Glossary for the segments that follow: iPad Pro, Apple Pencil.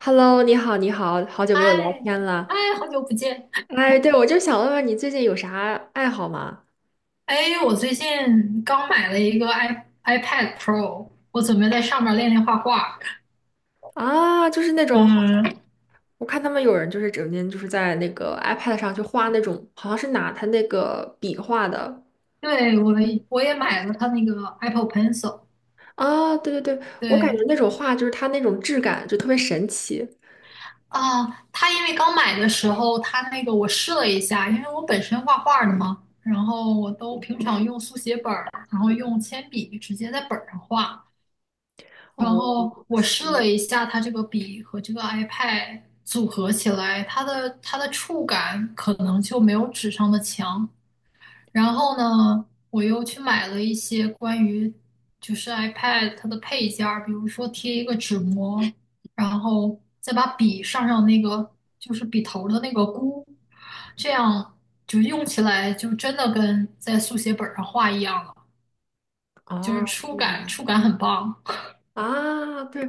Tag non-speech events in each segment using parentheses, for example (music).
Hello，你好，你好，好久没有聊哎天了。哎，好久不见！哎，对，我就想问问你最近有啥爱好吗？哎，我最近刚买了一个 iPad Pro，我准备在上面练练画画。啊，就是那种好像嗯，我看他们有人就是整天就是在那个 iPad 上去画那种，好像是拿他那个笔画的。对，我也买了它那个 Apple Pencil。啊，对对对，我感觉对那种画就是它那种质感就特别神奇。啊，它因为刚买的时候，它那个我试了一下，因为我本身画画的嘛，然后我都平常用速写本儿，然后用铅笔直接在本儿上画。然哦，后我试羡了慕一下它这个笔和这个 iPad 组合起来，它的触感可能就没有纸上的强。然哦，后呢，我又去买了一些关于iPad 它的配件儿，比如说贴一个纸膜，然后再把上那个就是笔头儿的那个箍，这样就用起来就真的跟在速写本儿上画一样了，就是哦，这样。触感很棒。啊，对，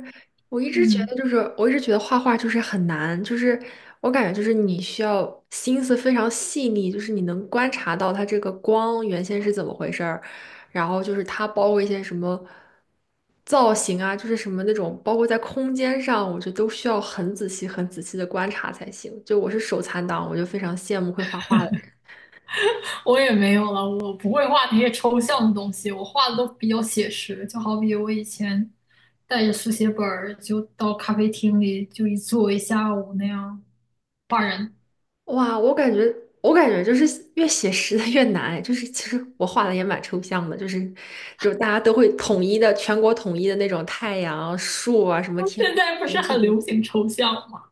我一直觉嗯。得就是，我一直觉得画画就是很难，就是我感觉就是你需要心思非常细腻，就是你能观察到它这个光原先是怎么回事儿，然后就是它包括一些什么造型啊，就是什么那种包括在空间上，我觉得都需要很仔细、很仔细的观察才行。就我是手残党，我就非常羡慕会画画的。我也没有了，我不会画那些抽象的东西，我画的都比较写实。就好比我以前带着速写本儿，就到咖啡厅里就一坐一下午那样画人。哇，我感觉就是越写实的越难，就是其实我画的也蛮抽象的，就是，就大家都会统一的，全国统一的那种太阳、树啊，什么 (laughs) 天现空，在不是这很种。流行抽象吗？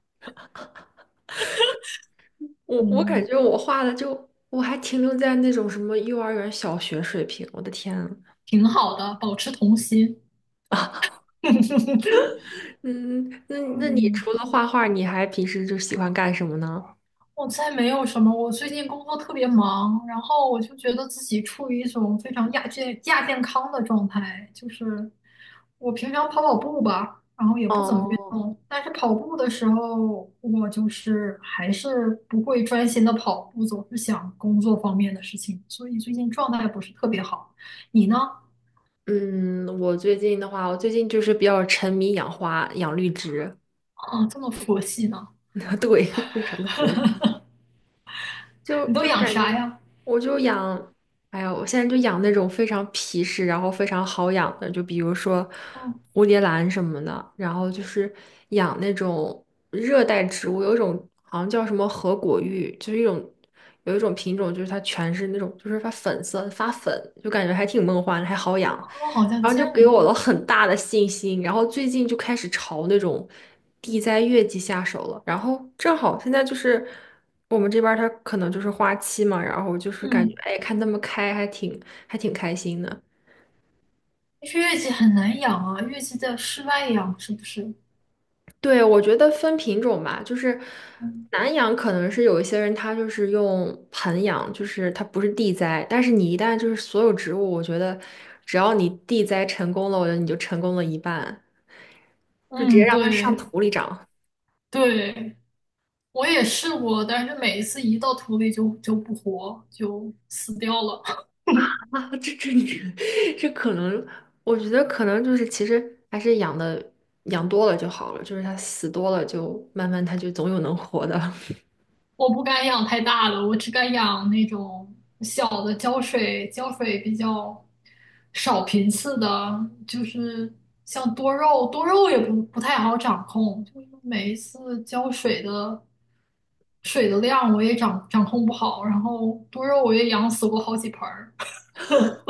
我感嗯，觉我画的就我还停留在那种什么幼儿园、小学水平，我的天啊。挺好的，保持童心。(laughs) 嗯，那那你嗯。除了画画，你还平时就喜欢干什么呢？我猜没有什么，我最近工作特别忙，然后我就觉得自己处于一种非常亚健康的状态，就是我平常跑跑步吧，然后也不怎么运哦，动，但是跑步的时候，我就是还是不会专心的跑步，总是想工作方面的事情，所以最近状态不是特别好。你呢？嗯，我最近的话，我最近就是比较沉迷养花、养绿植，啊，这么佛系呢？(laughs) 对，非常的佛，就你都就养感觉啥呀？我就养，哎呀，我现在就养那种非常皮实，然后非常好养的，就比如说嗯，蝴蝶兰什么的，然后就是养那种热带植物，有一种好像叫什么合果芋，就是一种有一种品种，就是它全是那种，就是发粉色发粉，就感觉还挺梦幻的，还好养。啊我好像然后就见给我了过，很大的信心，然后最近就开始朝那种地栽月季下手了。然后正好现在就是我们这边儿它可能就是花期嘛，然后就是感觉嗯，哎看它们开还挺开心的。但是月季很难养啊，月季在室外养是不是？对，我觉得分品种吧，就是嗯，南养可能是有一些人他就是用盆养，就是它不是地栽，但是你一旦就是所有植物，我觉得只要你地栽成功了，我觉得你就成功了一半，就直接嗯让它上对土里长。对，我也试过，但是每一次一到土里就不活，就死掉了。(laughs) (laughs) 啊，这你 (laughs) 这可能，我觉得可能就是其实还是养的养多了就好了，就是它死多了就慢慢它就总有能活的。(laughs) 我不敢养太大的，我只敢养那种小的浇水，浇水比较少频次的，就是像多肉，多肉也不太好掌控，就是每一次浇水的水的量我也掌控不好，然后多肉我也养死过好几盆儿。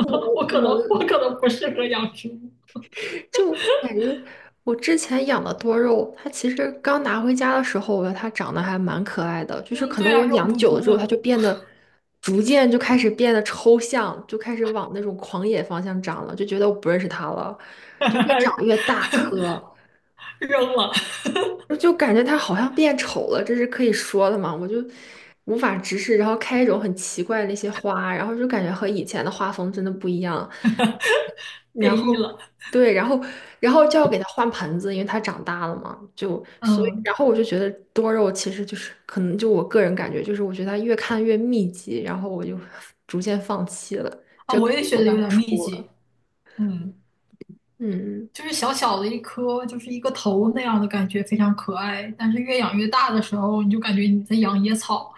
我 我我我可能不适合养植物。就感觉我之前养的多肉，它其实刚拿回家的时候，我觉得它长得还蛮可爱的，就是嗯，可对能啊，我肉养嘟久了嘟之后，它的。就变得逐渐就开始变得抽象，就开始往那种狂野方向长了，就觉得我不认识它了，就越长越 (laughs) 大颗。扔了。就感觉它好像变丑了，这是可以说的吗？我就无法直视，然后开一种很奇怪的那些花，然后就感觉和以前的画风真的不一样。(laughs) 然变异后，了。对，然后就要给它换盆子，因为它长大了嘛，就所以，嗯，然后我就觉得多肉其实就是可能就我个人感觉，就是我觉得它越看越密集，然后我就逐渐放弃了，啊，这可我能也觉我得算有是点密出了。集。嗯，嗯。嗯就是小小的一颗，就是一个头那样的感觉，非常可爱。但是越养越大的时候，你就感觉你在养野草。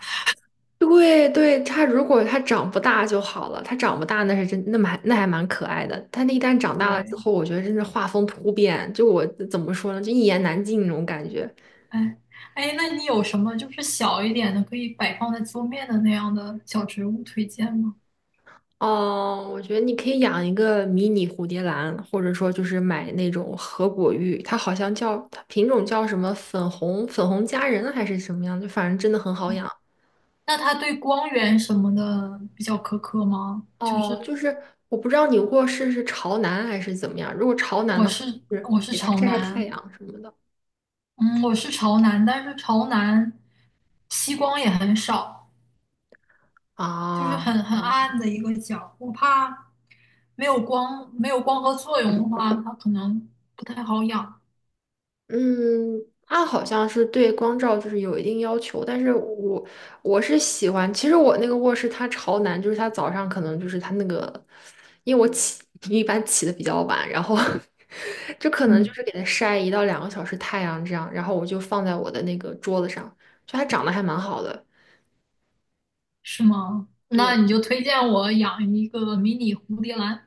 对对，它如果它长不大就好了，它长不大那是真，那么还那还蛮可爱的。它那一旦长大了之对，后，我觉得真是画风突变，就我怎么说呢，就一言难尽那种感觉。哎，哎，那你有什么就是小一点的可以摆放在桌面的那样的小植物推荐吗？哦，我觉得你可以养一个迷你蝴蝶兰，或者说就是买那种合果玉，它好像叫它品种叫什么粉红粉红佳人还是什么样，就反正真的很好养。那它对光源什么的比较苛刻吗？就哦，是就是我不知道你卧室是朝南还是怎么样，如果朝南的话，就是我是给它朝晒晒太南，阳什么的。嗯，我是朝南，但是朝南西光也很少，就是啊，很这样，暗的一个角，我怕没有光，没有光合作用的话，它可能不太好养。嗯，它好像是对光照就是有一定要求，但是我我是喜欢，其实我那个卧室它朝南，就是它早上可能就是它那个，因为我起 (laughs) 一般起的比较晚，然后 (laughs) 就可能就嗯，是给它晒1到2个小时太阳这样，然后我就放在我的那个桌子上，就它长得还蛮好的，是吗？那对你就推荐我养一个迷你蝴蝶兰，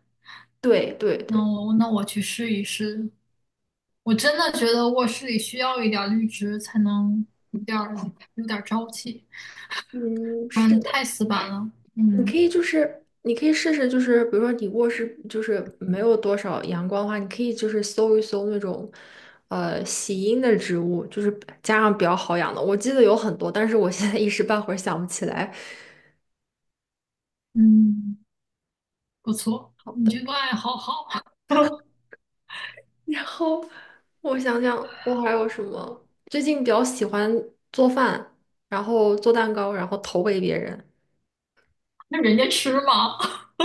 对对对，那我去试一试。我真的觉得卧室里需要一点绿植，才能有点儿有点儿朝气，嗯，不是然太的。死板了。你嗯可以就是，你可以试试，就是比如说你卧室就是没有多少阳光的话，你可以就是搜一搜那种，喜阴的植物，就是加上比较好养的。我记得有很多，但是我现在一时半会儿想不起来。嗯。不错，好你的，这个爱好好。(laughs) 然后我想想，我还有什么？最近比较喜欢做饭，然后做蛋糕，然后投喂别人。那人家吃吗？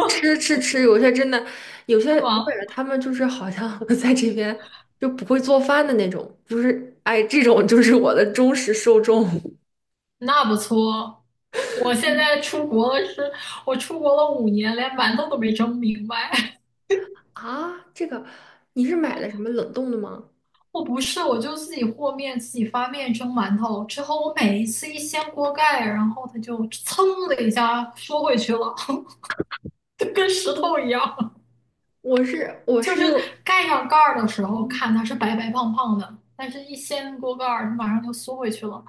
吃吃吃，有些真的，有 (laughs) 些是我感吗？觉他们就是好像 (laughs) 在这边就不会做饭的那种，就是哎，这种就是我的忠实受众。那不错。我现嗯在出国了是，我出国了5年，连馒头都没蒸明白。(laughs) 啊，这个你是买的什么冷冻的吗？我不是，我就自己和面，自己发面蒸馒头。之后我每一次一掀锅盖，然后它就噌的一下缩回去了。(laughs) 就跟石头一样。(laughs) 我是我就是是，盖上盖儿的时哦，候，看它是白白胖胖的，但是一掀锅盖儿，它马上就缩回去了。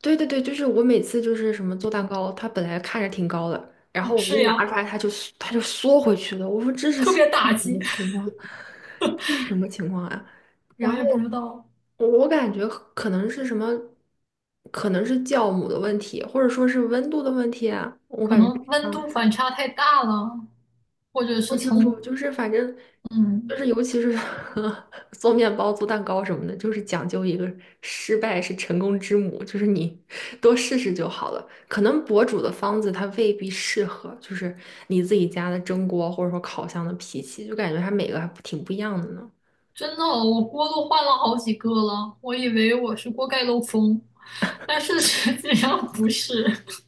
对对对，就是我每次就是什么做蛋糕，它本来看着挺高的，然啊，后我给你是拿出呀，来，它就缩回去了。我说这是特什别打击。么情况？什么情况啊？(laughs) 我然后也不知道，我感觉可能是什么，可能是酵母的问题，或者说是温度的问题啊，我可感觉能是这温度样反差太大了，或者不是清楚。从，就是反正就嗯，是尤其是 (laughs) 做面包、做蛋糕什么的，就是讲究一个失败是成功之母，就是你多试试就好了。可能博主的方子它未必适合，就是你自己家的蒸锅或者说烤箱的脾气，就感觉它每个还挺不一样的呢。真的，我锅都换了好几个了，我以为我是锅盖漏风，但是实际上不是。(laughs)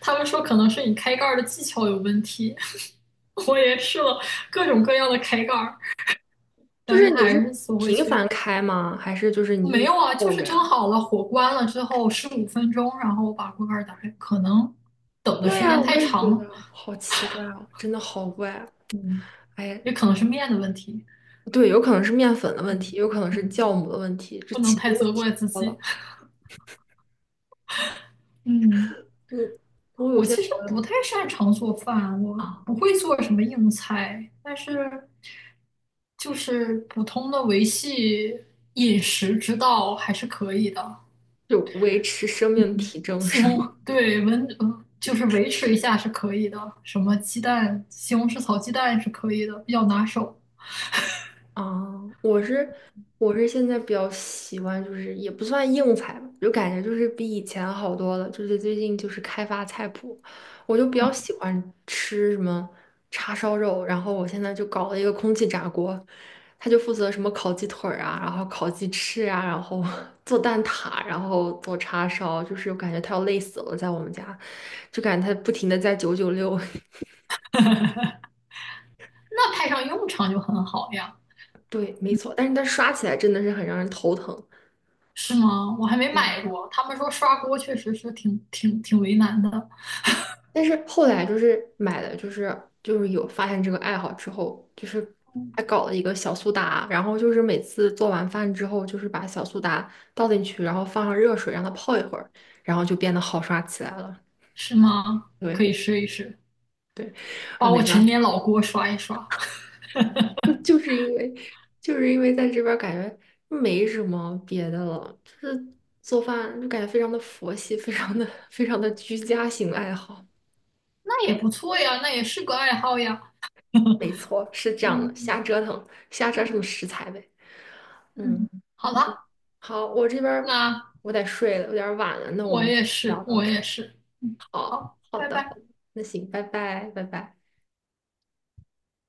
他们说可能是你开盖儿的技巧有问题。(laughs) 我也试了各种各样的开盖儿，就但是是它你还是是缩回频繁去。开吗？还是就是你没一直有啊，就凑是着蒸呀？好了，火关了之后15分钟，然后我把锅盖儿打开，可能等的对时呀，间我太也长觉了，得好奇怪哦，真的好怪啊。嗯，哎，也可能是面的问题。对，有可能是面粉的问题，嗯有可能是嗯，酵母的问题，这不能其太中问责题怪自多己。了。嗯，嗯，我有我些其朋实不友太擅长做饭，我不啊，会做什么硬菜，但是就是普通的维系饮食之道还是可以的。就维持生命嗯，体征西是红，吗？对，温，呃就是维持一下是可以的，什么鸡蛋、西红柿炒鸡蛋是可以的，比较拿手。啊，我是我是现在比较喜欢，就是也不算硬菜吧，就感觉就是比以前好多了。就是最近就是开发菜谱，我就比较嗯，喜欢吃什么叉烧肉，然后我现在就搞了一个空气炸锅，他就负责什么烤鸡腿儿啊，然后烤鸡翅啊，然后 (laughs) 做蛋挞，然后做叉烧，就是我感觉他要累死了，在我们家，就感觉他不停的在996，那派上用场就很好呀，(laughs) 对，没错，但是他刷起来真的是很让人头疼。是吗？我还没嗯买过，他们说刷锅确实是挺为难的。但是后来就是买了，就是就是有发现这个爱好之后，就是还搞了一个小苏打，然后就是每次做完饭之后，就是把小苏打倒进去，然后放上热水让它泡一会儿，然后就变得好刷起来了。是吗？可对以试一试，对，把我没陈办年法，老锅刷一刷。(laughs) (laughs) 就是因为就是因为在这边儿感觉没什么别的了，就是做饭就感觉非常的佛系，非常的居家型爱好。那也不错呀，那也是个爱好呀。(laughs) 没错，是这样的，嗯嗯瞎折腾，瞎折腾食材呗。嗯。嗯，好吧，好，我这边儿那我得睡了，有点儿晚了，那我们聊到我这儿。也是，嗯，好，好，好拜的，好拜。的，那行，拜拜，拜拜。